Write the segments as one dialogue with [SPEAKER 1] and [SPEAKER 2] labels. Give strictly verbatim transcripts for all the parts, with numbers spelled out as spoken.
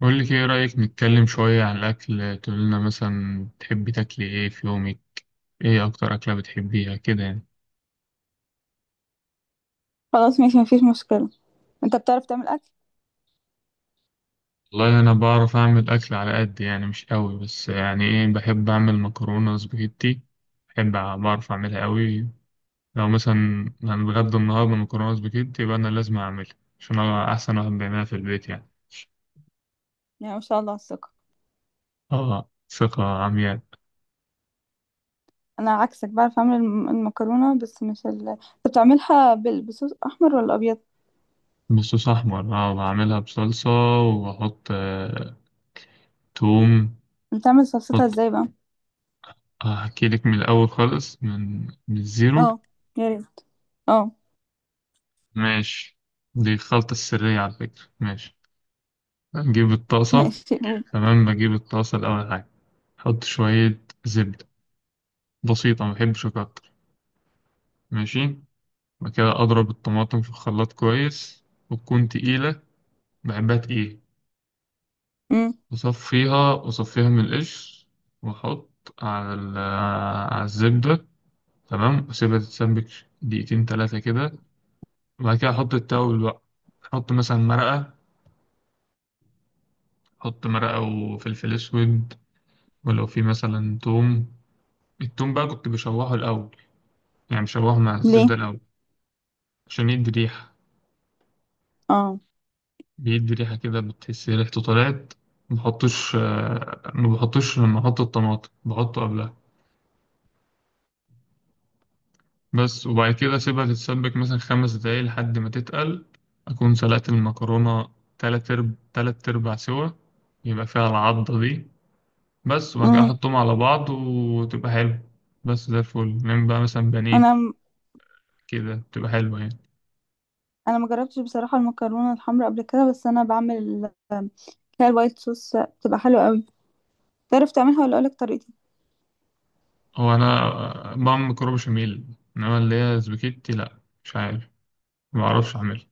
[SPEAKER 1] بقول لك، ايه رأيك نتكلم شوية عن الأكل؟ تقول لنا مثلا تحبي تاكلي ايه في يومك؟ ايه أكتر أكلة بتحبيها كده يعني؟
[SPEAKER 2] خلاص ماشي، مفيش مشكلة. انت بتعرف تعمل اكل؟
[SPEAKER 1] والله أنا بعرف أعمل أكل على قد يعني، مش قوي، بس يعني ايه، بحب أعمل مكرونة سباجيتي. بحب أع- بعرف أعملها قوي. لو مثلا هنتغدى النهاردة مكرونة سباجيتي يبقى أنا لازم أعملها، عشان أنا أحسن واحد بيعملها في البيت يعني.
[SPEAKER 2] يعني ما شاء الله على الثقة.
[SPEAKER 1] اه، ثقة عمياء.
[SPEAKER 2] انا عكسك، بعرف اعمل الم- المكرونة بس مش ال... انت بتعملها بال- بصوص احمر ولا ابيض؟
[SPEAKER 1] بصوص أحمر، اه، بعملها بصلصة. وأحط آه، توم.
[SPEAKER 2] بتعمل صلصتها ازاي بقى؟
[SPEAKER 1] أحكي لك من الأول خالص، من من الزيرو.
[SPEAKER 2] اه، يا ريت. اه،
[SPEAKER 1] ماشي. دي الخلطة السرية على فكرة، ماشي. بجيب الطاسة.
[SPEAKER 2] ماشي قول.
[SPEAKER 1] تمام، بجيب الطاسة الأول حاجة. أحط شوية زبدة بسيطة، ما بحبش أكتر. ماشي. بعد كده أضرب الطماطم في الخلاط كويس، وتكون تقيلة، بحبها تقيلة.
[SPEAKER 2] امم
[SPEAKER 1] وأصفيها أصفيها من القشر، وأحط على ال- على الزبدة. تمام، وأسيبها تتسبك دقيقتين تلاتة كده. وبعد كده أحط التوابل بقى، أحط مثلا مرقة، حط مرقة وفلفل أسود. ولو في مثلا توم، التوم بقى كنت بشوحه الأول، يعني بشوحه مع
[SPEAKER 2] ليه؟
[SPEAKER 1] الزبدة الأول. عشان يدي ريحة،
[SPEAKER 2] اه.
[SPEAKER 1] بيدي ريحة كده، بتحس ريحته طلعت. مبحطوش آه، مبحطوش لما أحط الطماطم، بحطه قبلها. بس، وبعد كده أسيبها تتسبك مثلا خمس دقايق لحد ما تتقل، أكون سلقت المكرونة تلات أرب تلات أرباع سوا، يبقى فيها العضة دي. بس، وبعد كده
[SPEAKER 2] امم
[SPEAKER 1] أحطهم على بعض وتبقى حلو. بس ده الفل. نعمل بقى مثلا بانيه،
[SPEAKER 2] انا م-
[SPEAKER 1] كده بتبقى حلوة يعني.
[SPEAKER 2] انا ما جربتش بصراحة المكرونة الحمراء قبل كده، بس انا بعمل ال- اللي هي الوايت صوص، بتبقى حلوة قوي. تعرف تعملها ولا اقولك طريقتي؟
[SPEAKER 1] هو أنا بعمل مكرونة بشاميل، إنما اللي هي سباكيتي لأ، مش عارف، معرفش أعملها.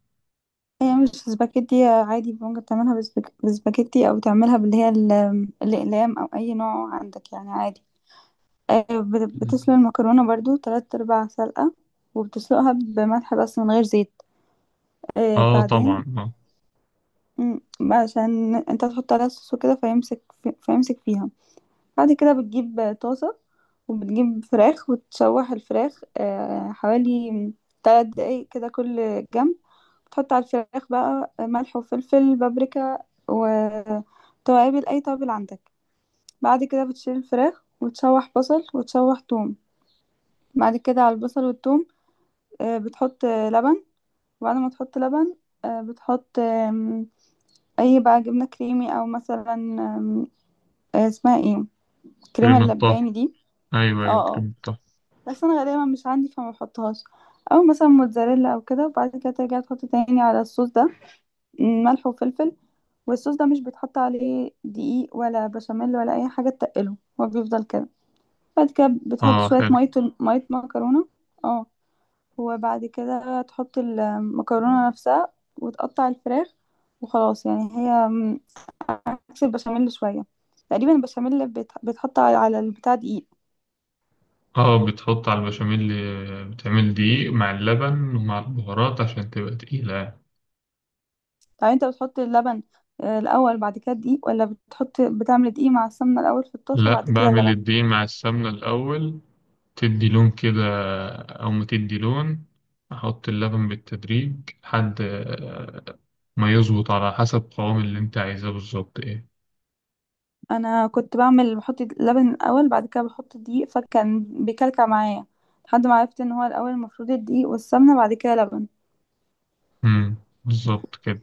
[SPEAKER 2] هي مش سباكيتي، عادي ممكن تعملها بالسباك- بالسباكيتي او تعملها باللي هي ال- الاقلام او اي نوع عندك يعني عادي. آه، بت- بتسلق المكرونه برضو تلات ارباع سلقه، وبتسلقها بملح بس من غير زيت. آه،
[SPEAKER 1] آه
[SPEAKER 2] بعدين
[SPEAKER 1] طبعا، آه.
[SPEAKER 2] مم، عشان انت تحط عليها صوص وكده فيمسك، فيمسك فيها. بعد كده بتجيب طاسه، وبتجيب فراخ وتشوح الفراخ، آه، حوالي تلات دقايق كده كل جنب. تحط على الفراخ بقى ملح وفلفل بابريكا وتوابل، أي توابل عندك. بعد كده بتشيل الفراخ وتشوح بصل وتشوح توم. بعد كده على البصل والتوم آه، بتحط آه، لبن. وبعد ما تحط لبن آه، بتحط آم، أي بقى جبنة كريمي، أو مثلا آم، آه، اسمها ايه، كريمة
[SPEAKER 1] كريمة طهي.
[SPEAKER 2] اللباني دي.
[SPEAKER 1] أيوه، أيوه،
[SPEAKER 2] اه. اه.
[SPEAKER 1] كريمة طهي.
[SPEAKER 2] بس أنا غالبا مش عندي، فما بحطهاش، أو مثلا موتزاريلا أو كده. وبعد كده ترجع تحط تاني على الصوص ده ملح وفلفل. والصوص ده مش بيتحط عليه دقيق ولا بشاميل ولا اي حاجه تقله، هو بيفضل كده. بعد كده بتحط
[SPEAKER 1] آه،
[SPEAKER 2] شويه
[SPEAKER 1] حلو.
[SPEAKER 2] ميه، ميه مكرونه. اه. وبعد كده تحط المكرونه نفسها وتقطع الفراخ، وخلاص يعني. هي م- عكس البشاميل شويه. تقريبا البشاميل بيت- بيتحط على على البتاع دقيق.
[SPEAKER 1] آه، بتحط على البشاميل، آه، بتعمل دقيق مع اللبن ومع البهارات عشان تبقى تقيلة يعني.
[SPEAKER 2] طب انت بتحط اللبن آه، الاول بعد كده الدقيق، ولا بتحط بتعمل دقيق مع السمنه الاول في الطاسه
[SPEAKER 1] لأ،
[SPEAKER 2] بعد كده
[SPEAKER 1] بعمل
[SPEAKER 2] اللبن؟
[SPEAKER 1] الدقيق مع السمنة الأول، تدي لون كده أو ما تدي لون. أحط اللبن بالتدريج لحد آه، ما يظبط على حسب قوام اللي أنت عايزاه بالظبط إيه.
[SPEAKER 2] انا كنت بعمل بحط اللبن الاول بعد كده بحط دقيق، فكان بيكلكع معايا، لحد ما عرفت ان هو الاول المفروض الدقيق والسمنه بعد كده لبن.
[SPEAKER 1] مم. بالظبط كده.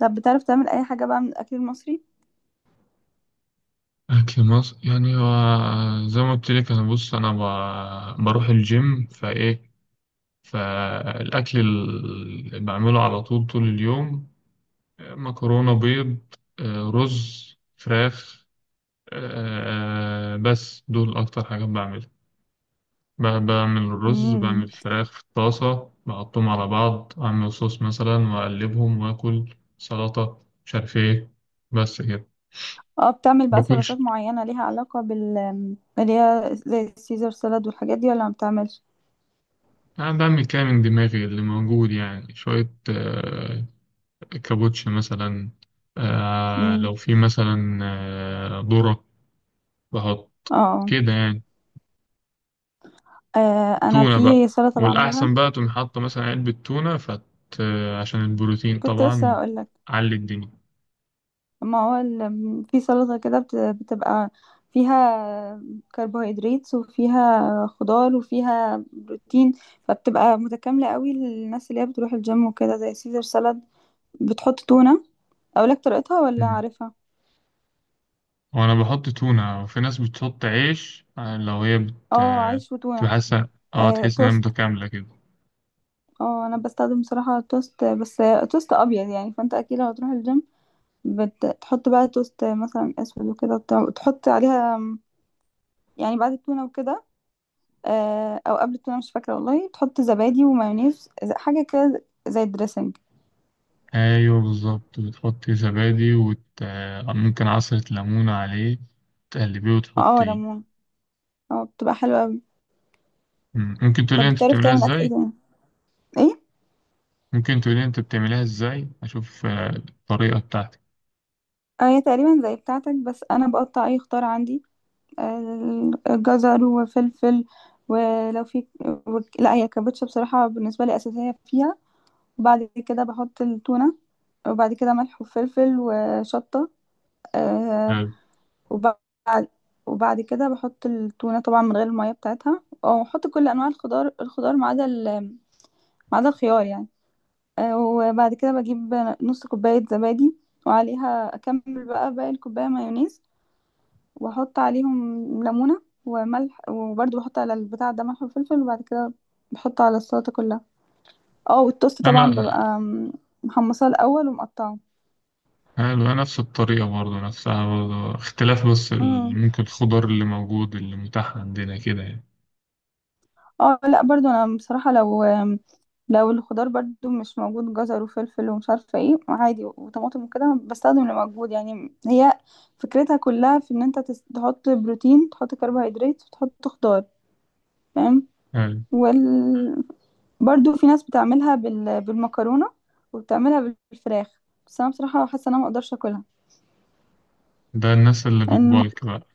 [SPEAKER 2] طب بتعرف تعمل اي حاجه بقى من الاكل المصري؟
[SPEAKER 1] أكل مصر يعني هو زي ما قلت لك. أنا بص، أنا ب- بروح الجيم، فإيه فالأكل اللي بعمله على طول طول اليوم، آه، مكرونة، بيض، آه، رز، فراخ. آه، بس دول أكتر حاجات بعملها. ب- بعمل الرز بعمل
[SPEAKER 2] امم.
[SPEAKER 1] الفراخ في الطاسة، بحطهم على بعض، أعمل صوص مثلا وأقلبهم، وآكل سلطة مش عارف إيه. بس كده.
[SPEAKER 2] اه، بتعمل بقى
[SPEAKER 1] باكلش.
[SPEAKER 2] سلطات معينه ليها علاقه بال، اللي هي زي السيزر سالاد والحاجات دي، ولا ما بتعملش؟
[SPEAKER 1] أنا بعمل كده من دماغي، اللي موجود يعني، شوية آه، كابوتشي مثلا، آه،
[SPEAKER 2] امم.
[SPEAKER 1] لو في مثلا، آه، ذرة، بحط
[SPEAKER 2] اه.
[SPEAKER 1] كده يعني.
[SPEAKER 2] آه، انا
[SPEAKER 1] تونة بقى،
[SPEAKER 2] في سلطه بعملها،
[SPEAKER 1] والأحسن بقى تقوم حاطة مثلا علبة تونة، فت... عشان البروتين
[SPEAKER 2] كنت لسه
[SPEAKER 1] طبعا،
[SPEAKER 2] هقولك.
[SPEAKER 1] علي الدنيا.
[SPEAKER 2] ما هو ال- في سلطة كده بت- بتبقى فيها كربوهيدرات وفيها خضار وفيها بروتين، فبتبقى متكاملة قوي للناس اللي هي بتروح الجيم وكده، زي سيزر سالاد. بتحط تونة. اقولك طريقتها ولا
[SPEAKER 1] مم.
[SPEAKER 2] عارفها؟
[SPEAKER 1] وأنا بحط تونة، وفي ناس بتحط عيش لو هي بت...
[SPEAKER 2] اه عيش
[SPEAKER 1] بتبقى
[SPEAKER 2] وتونة.
[SPEAKER 1] حاسة، اه،
[SPEAKER 2] آه،
[SPEAKER 1] تحس إنها
[SPEAKER 2] توست.
[SPEAKER 1] متكاملة كده.
[SPEAKER 2] اه انا بستخدم بصراحة توست بس، توست ابيض يعني. فانت اكيد لو هتروح الجيم بتحط بقى توست مثلا اسود وكده وبتاع، وتحط عليها، يعني بعد التونة وكده آه، او قبل التونه مش فاكره والله، تحط زبادي ومايونيز، ز- حاجه كده زي الدريسنج.
[SPEAKER 1] أيوه بالظبط، بتحطي زبادي، وت... ممكن عصرة ليمون عليه، تقلبيه
[SPEAKER 2] اه
[SPEAKER 1] وتحطيه.
[SPEAKER 2] ليمون. اه بتبقى حلوه قوي.
[SPEAKER 1] مم. ممكن تقولي
[SPEAKER 2] طب
[SPEAKER 1] انت
[SPEAKER 2] بتعرف
[SPEAKER 1] بتعملها
[SPEAKER 2] تعمل اكل ايه
[SPEAKER 1] ازاي؟
[SPEAKER 2] تاني؟ ايه.
[SPEAKER 1] ممكن تقولي انت بتعملها ازاي، اشوف آه، الطريقة بتاعتك.
[SPEAKER 2] آه، هي تقريبا زي بتاعتك، بس انا بقطع اي خضار عندي، آه، جزر وفلفل، ولو في، وك- لا هي الكابوتشا بصراحه بالنسبه لي اساسيه فيها. وبعد كده بحط التونه، وبعد كده ملح وفلفل وشطه. آه،
[SPEAKER 1] حلو.
[SPEAKER 2] وبعد، وبعد كده بحط التونة طبعا من غير المية بتاعتها، أو أحط كل أنواع الخضار الخضار ما عدا ال- ما عدا الخيار يعني. آه، وبعد كده بجيب نص كوباية زبادي، وعليها أكمل بقى باقي الكوباية مايونيز، وأحط عليهم ليمونة وملح، وبرضه بحط على البتاع ده ملح وفلفل، وبعد كده بحط على السلطة كلها. اه والتوست طبعا
[SPEAKER 1] انا
[SPEAKER 2] ببقى محمصاه الأول ومقطعه.
[SPEAKER 1] حلو انا نفس الطريقة برضه، نفسها برضه، اختلاف بس ال- ممكن الخضار اللي موجود، اللي متاح عندنا كده يعني.
[SPEAKER 2] اه لا برضو انا بصراحة، لو لو الخضار برضو مش موجود جزر وفلفل ومش عارفة ايه، عادي وطماطم وكده، بستخدم اللي موجود يعني. هي فكرتها كلها في ان انت تس- تحط بروتين تحط كربوهيدرات وتحط خضار، فاهم.
[SPEAKER 1] حلو.
[SPEAKER 2] وال... برضو في ناس بتعملها بال... بالمكرونة، وبتعملها بالفراخ، بس انا بصراحة حاسة ان انا مقدرش اكلها،
[SPEAKER 1] ده الناس اللي
[SPEAKER 2] لان المك-
[SPEAKER 1] بتبالك بقى.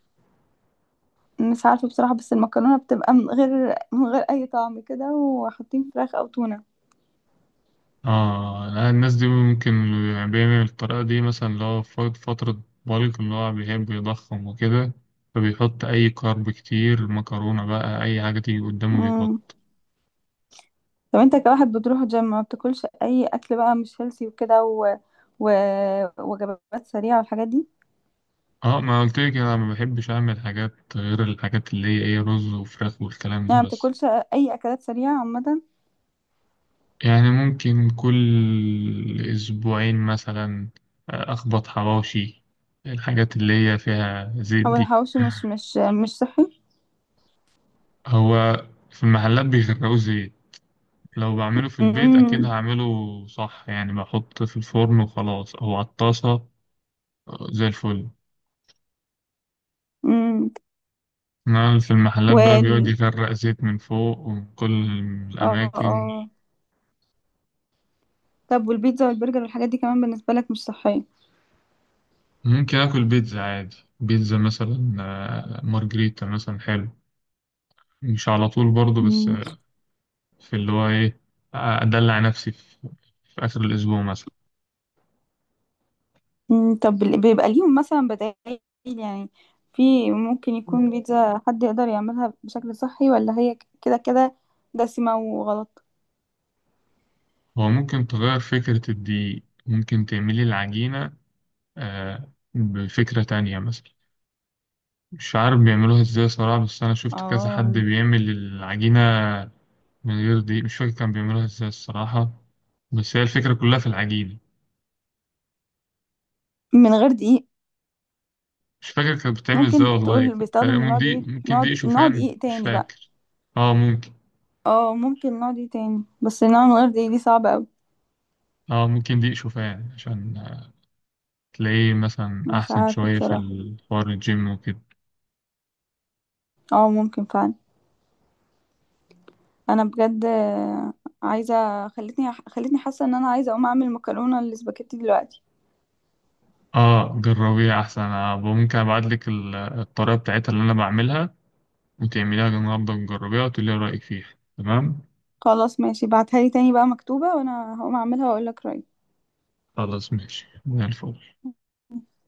[SPEAKER 2] مش عارفة بصراحة، بس المكرونة بتبقى من غير من غير اي طعم كده وحاطين فراخ او تونة.
[SPEAKER 1] اه، لا، الناس دي ممكن اللي بيعمل الطريقة دي، مثلا اللي هو في فترة بالك اللي هو بيحب يضخم وكده، فبيحط أي كارب كتير، مكرونة بقى أي حاجة تيجي قدامه.
[SPEAKER 2] مم. طب انت كواحد بتروح جيم ما بتاكلش اي اكل بقى مش هيلسي وكده، و... و... وجبات سريعه والحاجات دي؟
[SPEAKER 1] اه، ما قلت لك انا ما بحبش اعمل حاجات غير الحاجات اللي هي ايه، رز وفراخ والكلام ده
[SPEAKER 2] يعني ما
[SPEAKER 1] بس.
[SPEAKER 2] بتاكلش اي اكلات سريعه عامه؟
[SPEAKER 1] يعني ممكن كل اسبوعين مثلا آه، اخبط حواوشي، الحاجات اللي هي فيها زيت
[SPEAKER 2] او
[SPEAKER 1] دي.
[SPEAKER 2] الحواوشي، مش مش مش صحي.
[SPEAKER 1] هو في المحلات بيغرقوا زيت، لو بعمله في البيت اكيد
[SPEAKER 2] امم.
[SPEAKER 1] هعمله صح، يعني بحط في الفرن وخلاص او على الطاسة، آه، زي الفل.
[SPEAKER 2] امم.
[SPEAKER 1] انما في المحلات بقى بيقعد
[SPEAKER 2] وال،
[SPEAKER 1] يغرق زيت من فوق ومن كل
[SPEAKER 2] اه
[SPEAKER 1] الاماكن.
[SPEAKER 2] اه. طب والبيتزا والبرجر والحاجات دي كمان بالنسبه لك مش صحيه؟
[SPEAKER 1] ممكن آكل بيتزا عادي، بيتزا مثلا آه، مارجريتا مثلا، حلو. مش على طول برضه، بس
[SPEAKER 2] مم.
[SPEAKER 1] آه، في اللي هو إيه، آه، أدلع نفسي في, في آخر الأسبوع مثلا.
[SPEAKER 2] مم. طب ال- بيبقى ليهم مثلا بدائل يعني؟ في ممكن يكون بيتزا حد يقدر يعملها بشكل صحي، ولا هي ك- كده كده دسمه وغلط؟
[SPEAKER 1] هو ممكن تغير فكرة الدقيق، ممكن تعملي العجينة آه، بفكرة تانية مثلا. مش عارف بيعملوها إزاي صراحة، بس أنا شفت كذا حد
[SPEAKER 2] اه
[SPEAKER 1] بيعمل العجينة من غير دقيق. مش فاكر كان بيعملوها إزاي الصراحة، بس هي الفكرة كلها في العجينة.
[SPEAKER 2] من غير دقيق.
[SPEAKER 1] مش فاكر كانت بتتعمل ازاي
[SPEAKER 2] ممكن
[SPEAKER 1] والله.
[SPEAKER 2] تقول بيستخدم،
[SPEAKER 1] تقريباً
[SPEAKER 2] نقعد
[SPEAKER 1] دي
[SPEAKER 2] ايه،
[SPEAKER 1] ممكن دي
[SPEAKER 2] نقعد نقعد
[SPEAKER 1] شوفان،
[SPEAKER 2] ايه
[SPEAKER 1] مش
[SPEAKER 2] تاني بقى؟
[SPEAKER 1] فاكر. اه ممكن.
[SPEAKER 2] اه ممكن نقعد ايه تاني، بس نقعد من غير دقيق دي صعبة اوي.
[SPEAKER 1] اه ممكن دي شوفان عشان آه، تلاقيه مثلا
[SPEAKER 2] مش
[SPEAKER 1] احسن
[SPEAKER 2] عارفة
[SPEAKER 1] شوية في
[SPEAKER 2] بصراحة.
[SPEAKER 1] الحوار الجيم وكده.
[SPEAKER 2] اه ممكن فعلا. انا بجد آه، عايزة، خلتني خلتني حاسة ان انا عايزة اقوم اعمل مكرونة الاسباجيتي دلوقتي.
[SPEAKER 1] اه جربيها احسن، آه ممكن ابعت لك ال- الطريقة بتاعتها اللي انا بعملها، وتعمليها النهارده وتجربيها وتقولي رأيك فيها. تمام.
[SPEAKER 2] خلاص ماشي، بعتها لي تاني بقى مكتوبة، وانا هقوم اعملها واقول لك
[SPEAKER 1] خلاص ماشي زي الفل.
[SPEAKER 2] رأيي.